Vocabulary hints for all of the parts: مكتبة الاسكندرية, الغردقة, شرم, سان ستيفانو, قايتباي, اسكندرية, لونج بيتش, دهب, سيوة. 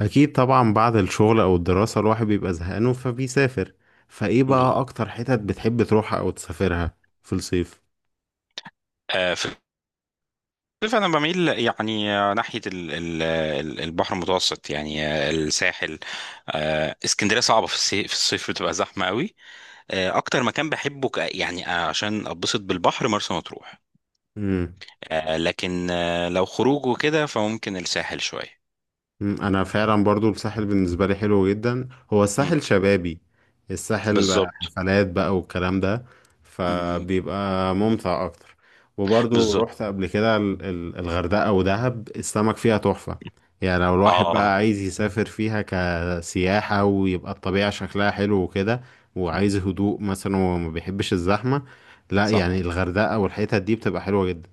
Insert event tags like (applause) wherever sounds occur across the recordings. اكيد طبعا بعد الشغل او الدراسة الواحد بيبقى زهقان فبيسافر. فايه بقى بالظبط. اكتر حتت بتحب تروحها او تسافرها؟ في الصيف. في الصيف انا بميل يعني ناحيه البحر المتوسط، يعني الساحل. اسكندريه صعبه في الصيف، في الصيف بتبقى زحمه قوي. اكتر مكان بحبه يعني عشان اتبسط بالبحر مرسى مطروح. لكن لو خروج وكده فممكن الساحل شويه. انا فعلا برضو الساحل بالنسبه لي حلو جدا. هو مم. الساحل شبابي. الساحل بالظبط. حفلات بقى والكلام ده. مم. فبيبقى ممتع اكتر. وبرضو بالظبط. رحت قبل كده الغردقه ودهب، السمك فيها تحفه. يعني لو الواحد اه. بقى عايز يسافر فيها كسياحه ويبقى الطبيعه شكلها حلو وكده، وعايز هدوء مثلا وما بيحبش الزحمه، لا صح. يعني الغردقه والحتت دي بتبقى حلوه جدا.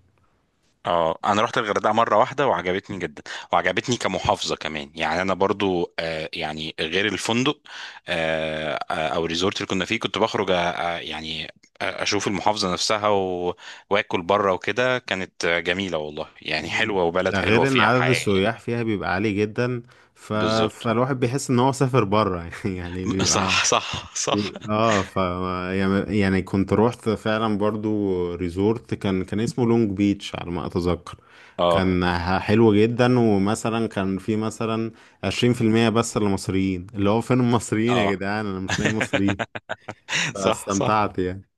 اه، انا رحت الغردقه مره واحده وعجبتني جدا، وعجبتني كمحافظه كمان. يعني انا برضو يعني غير الفندق او الريزورت اللي كنا فيه كنت بخرج يعني اشوف المحافظه نفسها واكل بره وكده. كانت جميله والله، يعني مم. حلوه وبلد ده حلوه غير ان فيها عدد حياه يعني. السياح فيها بيبقى عالي جدا. ف... بالظبط. فالواحد بيحس ان هو سافر بره (laughs) يعني (laughs) بيبقى. صح، صح، صح. اه ف يعني كنت روحت فعلا برضو. ريزورت كان اسمه لونج بيتش على ما اتذكر. اه، كان حلو جدا، ومثلا كان في مثلا 20% بس للمصريين، اللي هو فين المصريين اه. يا جدعان، انا مش (laughs) لاقي مصريين. صح، صح. فاستمتعت يعني.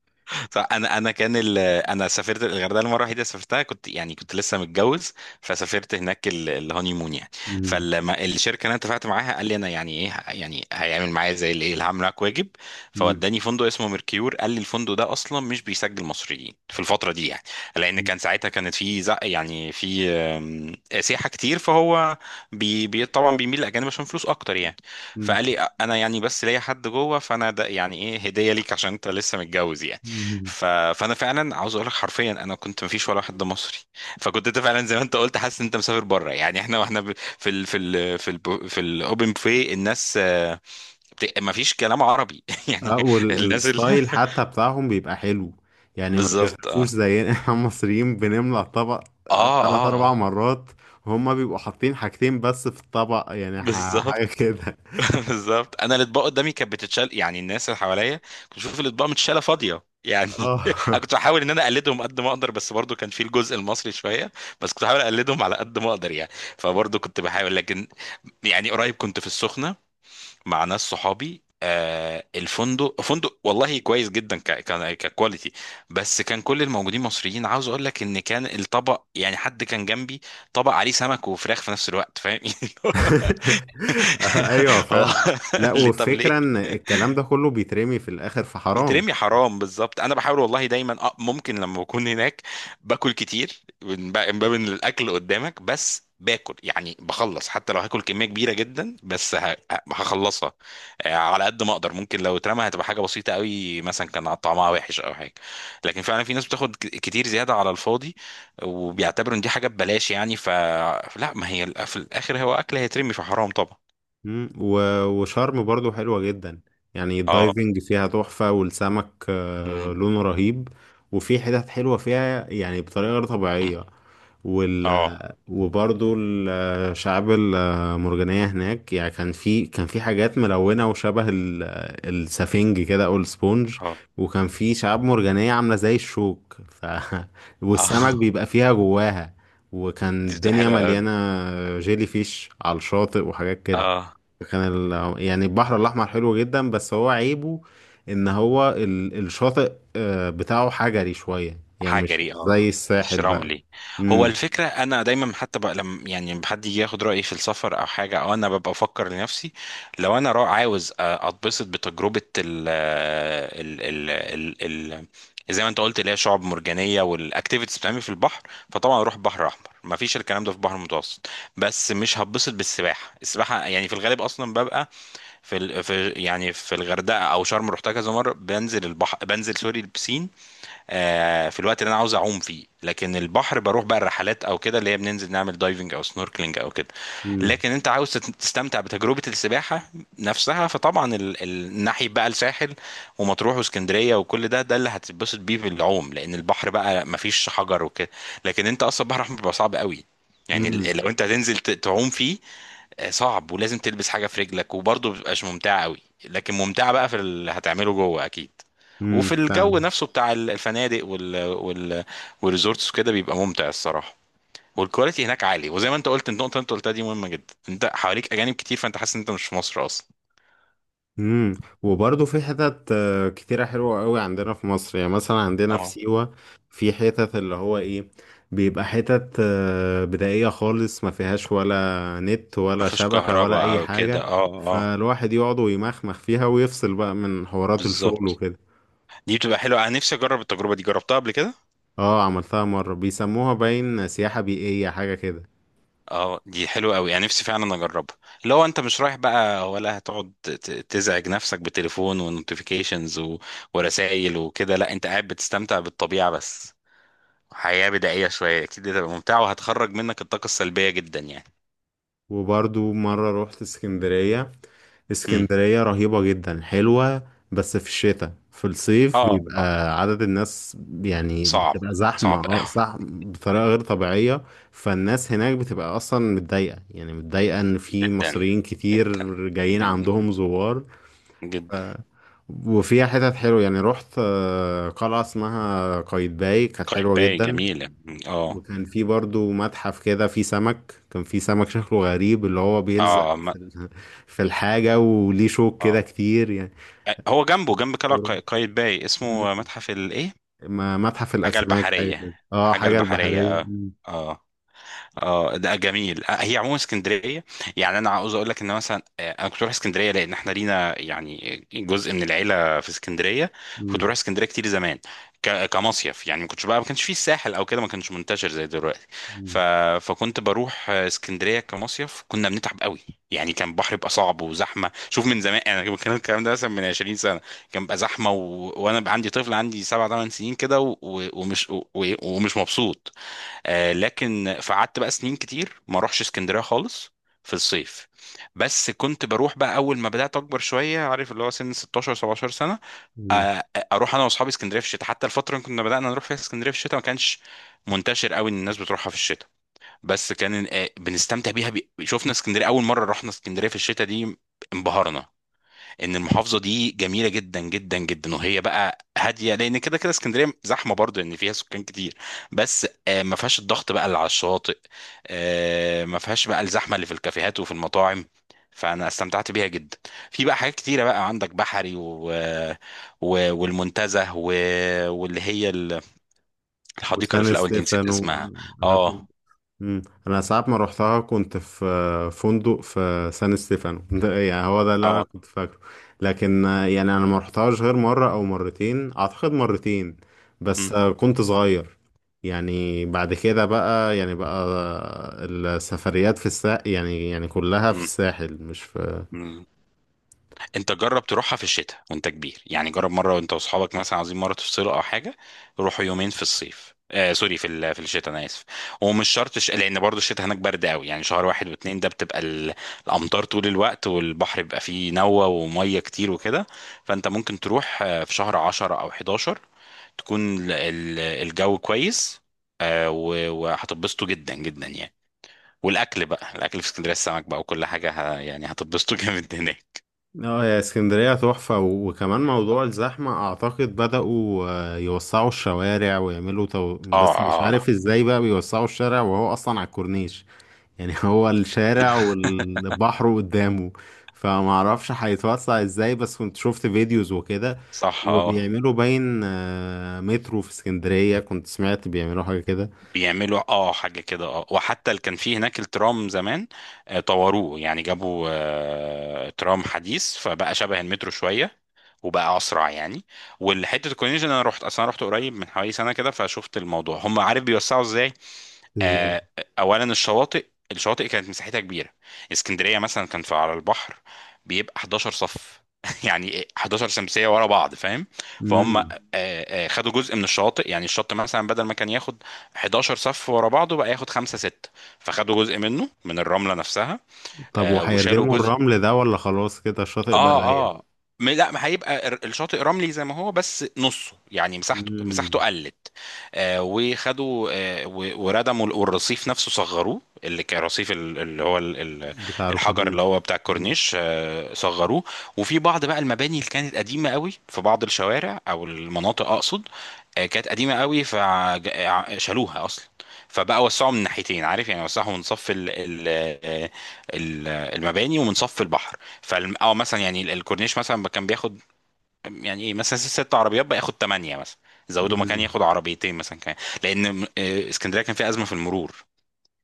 فانا انا سافرت الغردقه المره الوحيده سافرتها كنت، يعني كنت لسه متجوز، فسافرت هناك الهوني مون يعني. مم. فلما الشركه اللي انا اتفقت معاها قال لي انا يعني ايه، يعني هيعمل معايا زي الايه، اللي هعمل معاك واجب. مم. فوداني فندق اسمه ميركيور، قال لي الفندق ده اصلا مش بيسجل مصريين في الفتره دي يعني، لان كان ساعتها كانت في زق، يعني في سياحه كتير، فهو طبعا بيميل للاجانب عشان فلوس اكتر يعني. مم. فقال لي انا يعني بس ليا حد جوه، فانا ده يعني ايه هديه ليك عشان انت لسه متجوز يعني. مم. ف... فانا فعلا عاوز اقول لك حرفيا انا كنت مفيش ولا واحد ده مصري. فكنت انت فعلا زي ما انت قلت حاسس ان انت مسافر بره، يعني في في الاوبن بوفيه الناس مفيش كلام عربي (laughs) يعني. اه، الناس ال... والستايل حتى بتاعهم بيبقى حلو. (laughs) يعني ما بالظبط. بيغرفوش اه، زينا (laughs) احنا المصريين بنملى الطبق اه، تلات اه. آه. أربع مرات. هما بيبقوا حاطين حاجتين بس في الطبق، يعني حاجة بالظبط. كده. (laughs) بالظبط، انا الاطباق قدامي كانت بتتشال، يعني الناس اللي حواليا كنت بشوف الاطباق متشاله فاضيه يعني. (laughs) انا اه. كنت بحاول ان انا اقلدهم قد ما اقدر، بس برضو كان في الجزء المصري شويه، بس كنت بحاول اقلدهم على قد ما اقدر يعني. فبرضو كنت بحاول، لكن يعني قريب كنت في السخنه مع ناس صحابي. الفندق فندق والله كويس جدا، ك كان ككواليتي، بس كان كل الموجودين مصريين. عاوز اقول لك ان كان الطبق، يعني حد كان جنبي طبق عليه سمك وفراخ في نفس الوقت، فاهم؟ (laughs) (laughs) ايوه (laughs) هو فعلا. لا، (laughs) اللي طب ليه والفكرة ان الكلام ده كله بيترمي في الآخر، في حرام. بيترمي حرام؟ بالظبط، انا بحاول والله دايما. أه، ممكن لما بكون هناك باكل كتير من باب إن الاكل قدامك، بس باكل يعني بخلص حتى لو هاكل كميه كبيره جدا، بس هخلصها على قد ما اقدر. ممكن لو اترمى هتبقى حاجه بسيطه قوي، مثلا كان طعمها وحش او حاجه. لكن فعلا في ناس بتاخد كتير زياده على الفاضي، وبيعتبروا ان دي حاجه ببلاش يعني. فلا، ما هي في الاخر هو اكل هيترمي، فحرام طبعا. مم. وشرم برضو حلوة جدا، يعني اه. الدايفنج فيها تحفة، والسمك مم. لونه رهيب. وفي حتت حلوة فيها يعني بطريقة غير طبيعية. وال اه. وبرضو الشعاب المرجانية هناك، يعني كان في حاجات ملونة وشبه السفنج كده أو السبونج. اه. وكان في شعاب مرجانية عاملة زي الشوك، (laughs) والسمك اه. (laughs) بيبقى فيها جواها. وكان دي بتبقى الدنيا حلوة مليانة قوي. جيلي فيش على الشاطئ وحاجات كده. اه. كان يعني البحر الأحمر حلو جدا، بس هو عيبه إن هو الشاطئ بتاعه حجري شوية، يعني مش حجري، اه، زي مش الساحل بقى. رملي. هو امم. الفكرة أنا دايما حتى بقى لما يعني لما حد يجي ياخد رأيي في السفر أو حاجة، أو أنا ببقى أفكر لنفسي، لو أنا عاوز أتبسط بتجربة ال ال ال ال ال زي ما أنت قلت، اللي هي شعاب مرجانية والأكتيفيتيز بتعمل في البحر، فطبعا أروح بحر أحمر، مفيش الكلام ده في البحر المتوسط. بس مش هتبسط بالسباحة، السباحة يعني في الغالب أصلا ببقى في ال... في يعني في الغردقه او شرم، رحتها كذا مره، بنزل البحر، بنزل سوري البسين في الوقت اللي انا عاوز اعوم فيه. لكن البحر بروح بقى الرحلات او كده، اللي هي بننزل نعمل دايفنج او سنوركلينج او كده. امم. لكن انت عاوز تستمتع بتجربه السباحه نفسها، فطبعا ناحيه بقى الساحل ومطروح واسكندريه وكل ده، ده اللي هتتبسط بيه في العوم، لان البحر بقى مفيش حجر وكده. لكن انت اصلا البحر الاحمر بيبقى صعب قوي، يعني امم. لو انت هتنزل تعوم فيه صعب، ولازم تلبس حاجه في رجلك، وبرضه بتبقاش ممتعه قوي. لكن ممتعه بقى في اللي هتعمله جوه اكيد، وفي امم. الجو نفسه بتاع الفنادق وال وال والريزورتس وكده بيبقى ممتع الصراحه، والكواليتي هناك عالي. وزي ما انت قلت، النقطه اللي انت قلتها دي مهمه جدا، انت حواليك اجانب كتير، فانت حاسس ان انت مش في مصر اصلا. امم. وبرضه في حتت كتيرة حلوة قوي عندنا في مصر، يعني مثلا عندنا في اه، سيوة، في حتت اللي هو ايه، بيبقى حتت بدائية خالص ما فيهاش ولا نت ولا مفيش شبكة ولا كهرباء أي او كده، حاجة. اه، اه. فالواحد يقعد ويمخمخ فيها ويفصل بقى من حوارات الشغل بالظبط، وكده. دي بتبقى حلوه، انا نفسي اجرب التجربه دي، جربتها قبل كده. اه، عملتها مرة، بيسموها باين سياحة بيئية حاجة كده. اه، دي حلوة قوي، انا نفسي فعلا اجربها. لو انت مش رايح بقى ولا هتقعد تزعج نفسك بتليفون ونوتيفيكيشنز ورسائل وكده، لا انت قاعد بتستمتع بالطبيعة بس. حياة بدائية شوية، اكيد هتبقى ممتعة، وهتخرج منك الطاقة السلبية جدا يعني. وبرضو مرة روحت اسكندرية. امم. اسكندرية رهيبة جدا، حلوة. بس في الشتاء. في الصيف بيبقى اه. عدد الناس، يعني صعب، بتبقى زحمة، صعب قوي. زحمة بطريقة غير طبيعية. فالناس هناك بتبقى أصلا متضايقة، يعني متضايقة إن في جدا، مصريين كتير جدا. جايين جدا، عندهم زوار. جدا. وفيها حتت حلوة، يعني رحت قلعة اسمها قايتباي كانت حلوة قايتباي جدا. جميلة. مم. اه. وكان في برضو متحف كده فيه سمك، كان فيه سمك شكله غريب اللي هو بيلزق اه. في (laughs) في الحاجة، وليه شوك كده اه. كتير يعني. هو جنبه جنب قلعة تجربة. قايتباي مم. اسمه متحف الايه؟ متحف حاجة الأسماك حاجة كده، البحرية، اه، حاجة حاجة البحرية البحرية. اه. مم. اه. اه، ده جميل. هي عموما اسكندريه، يعني انا عاوز اقول لك ان مثلا انا كنت بروح اسكندريه لان احنا لينا يعني جزء من العيله في اسكندريه. كنت مم. بروح اسكندريه كتير زمان، كمصيف يعني. ما كنتش بقى، ما كانش فيه الساحل او كده، ما كانش منتشر زي دلوقتي. ف... مم. فكنت بروح اسكندريه كمصيف، كنا بنتعب قوي يعني، كان البحر بيبقى صعب وزحمه. شوف، من زمان انا كان الكلام ده مثلا من 20 سنه، كان بقى زحمه، وانا بقى عندي طفل عندي 7 8 سنين كده، ومش مبسوط لكن. فقعدت بقى سنين كتير ما اروحش اسكندريه خالص في الصيف. بس كنت بروح بقى اول ما بدات اكبر شويه، عارف، اللي هو سن 16 17 سنه. مم. آه اروح انا واصحابي اسكندريه في الشتاء. حتى الفتره اللي كنا بدانا نروح فيها اسكندريه في الشتاء ما كانش منتشر قوي ان الناس بتروحها في الشتاء، بس كان بنستمتع بيها. شفنا اسكندريه اول مره رحنا اسكندريه في الشتاء دي انبهرنا ان المحافظه دي جميله جدا جدا جدا، وهي بقى هاديه، لان كده كده اسكندريه زحمه برضه، ان فيها سكان كتير، بس ما فيهاش الضغط بقى اللي على الشاطئ، ما فيهاش بقى الزحمه اللي في الكافيهات وفي المطاعم. فانا استمتعت بيها جدا، في بقى حاجات كتيره بقى، عندك بحري والمنتزه واللي هي الحديقه اللي في وسان الاول دي، نسيت ستيفانو. اسمها. أنا. اه. مم. انا ساعات ما روحتها كنت في فندق في سان ستيفانو ده، يعني هو ده اللي انا اه. كنت فاكره. لكن يعني انا ما روحتهاش غير مره او مرتين، اعتقد مرتين. بس مم. كنت صغير. يعني بعد كده بقى، يعني بقى السفريات في الساحل، يعني كلها في الساحل مش في. مم. انت جرب تروحها في الشتاء وانت كبير يعني. جرب مره وانت واصحابك مثلا عايزين مره تفصلوا او حاجه، روحوا يومين في الصيف، في الشتاء، انا اسف. ومش شرط لان برضو الشتاء هناك برد قوي، يعني شهر واحد واتنين ده بتبقى الامطار طول الوقت، والبحر بيبقى فيه نوة وميه كتير وكده. فانت ممكن تروح في شهر 10 او 11 تكون الجو كويس، وهتتبسطوا جدا جدا يعني. والاكل بقى، الاكل في اسكندريه، السمك بقى وكل حاجه، يعني هتتبسطوا (laughs) جامد هناك. اه، يا اسكندرية تحفة. وكمان موضوع الزحمة، أعتقد بدأوا يوسعوا الشوارع ويعملوا اه، بس مش آه، آه. عارف ازاي بقى بيوسعوا الشارع وهو أصلا على الكورنيش. يعني (laughs) هو الشارع والبحر قدامه، فمعرفش هيتوسع ازاي، بس كنت شفت فيديوز وكده. صح، اه. وبيعملوا باين مترو في اسكندرية، كنت سمعت بيعملوا حاجة كده. بيعملوا، اه، حاجة كده، اه. وحتى اللي كان فيه هناك الترام زمان طوروه، يعني جابوا ترام حديث، فبقى شبه المترو شوية، وبقى اسرع يعني. والحته الكورنيش انا رحت، اصلا رحت قريب من حوالي سنه كده، فشفت الموضوع. هم عارف بيوسعوا ازاي؟ ازاي؟ آه، اولا الشواطئ، الشواطئ كانت مساحتها كبيره. اسكندريه مثلا كان في على البحر بيبقى 11 صف (laughs) يعني 11 شمسيه ورا بعض، فاهم؟ فهم مم. خدوا جزء من الشواطئ، يعني الشط مثلا بدل ما كان ياخد 11 صف ورا بعضه بقى ياخد 5 6، فخدوا جزء منه من الرمله نفسها. طب وشالوا وهيردموا جزء. الرمل ده ولا خلاص كده الشاطئ بقى اه. ضيق؟ اه. لا، ما هيبقى الشاطئ رملي زي ما هو، بس نصه، يعني مساحته مم. قلت. وخدوا وردموا والرصيف نفسه صغروه، اللي كان رصيف ال- اللي هو ال- ال- بتاع الحجر اللي الكورنيش. هو بتاع مم. الكورنيش، صغروه. وفي بعض بقى المباني اللي كانت قديمة قوي، في بعض الشوارع او المناطق اقصد، كانت قديمة قوي فشالوها اصلا. فبقى وسعوا من ناحيتين، عارف، يعني وسعوا من صف آه، ال- المباني ومن صف البحر. او مثلا يعني الكورنيش مثلا كان بياخد يعني ايه مثلا ست عربيات، بقى ياخد ثمانيه مثلا، زودوا مكان مم. ياخد عربيتين مثلا كمان، لان اسكندريه كان فيها ازمه في المرور،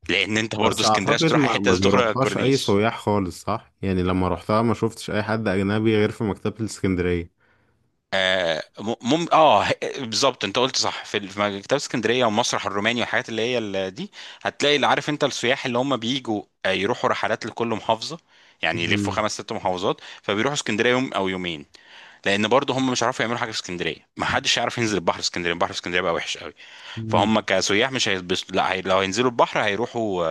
لان انت برضه بس اسكندريه عشان اعتقد تروح اي ما حته ما لازم تخرج على بيروحهاش اي الكورنيش. سياح خالص، صح؟ يعني لما روحتها ما شفتش اي حد اجنبي غير في مكتبة الاسكندرية. آه م- مم اه ه- بالظبط، انت قلت صح. في في مكتبه اسكندريه والمسرح الروماني والحاجات اللي هي دي، هتلاقي، اللي عارف انت السياح اللي هم بيجوا يروحوا رحلات لكل محافظه، يعني يلفوا مم. خمس ست محافظات، فبيروحوا اسكندريه يوم او يومين، لان برضه هم مش هيعرفوا يعملوا حاجه في اسكندريه، ما حدش يعرف ينزل البحر في اسكندريه، البحر في اسكندريه بقى وحش قوي. مم. فهم كسياح مش هيتبسطوا، لا هي... لو هينزلوا البحر هيروحوا،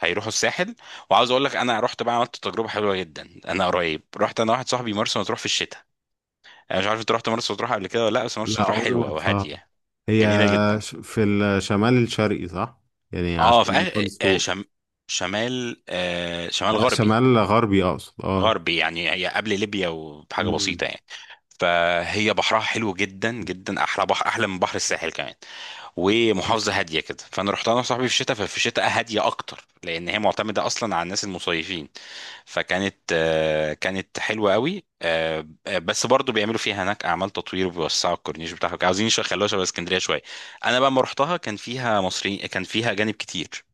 هيروحوا الساحل. وعاوز اقول لك انا رحت بقى عملت تجربه حلوه جدا، انا قريب رحت انا واحد صاحبي مرسى مطروح في الشتاء. انا مش عارف انت رحت مرسى مطروح قبل كده ولا لا، بس مرسى لا، مطروح عمري ما حلوه رحتها. وهاديه، هي جميله جدا. في الشمال الشرقي، صح؟ يعني على اه، في الشمال خالص فوق. شمال، شمال غربي. شمال غربي اقصد اه غربي يعني، هي قبل ليبيا وبحاجه مم. بسيطه يعني. فهي بحرها حلو جدا جدا، احلى بحر، احلى من بحر الساحل كمان، ومحافظه هاديه كده. فانا رحت انا وصاحبي في الشتاء، ففي الشتاء هاديه اكتر، لان هي معتمده اصلا على الناس المصيفين. فكانت كانت حلوه قوي. بس برضو بيعملوا فيها هناك اعمال تطوير، وبيوسعوا الكورنيش بتاعهم، عاوزين يخلوها شبه اسكندريه شويه. انا بقى لما رحتها كان فيها مصريين، كان فيها اجانب كتير.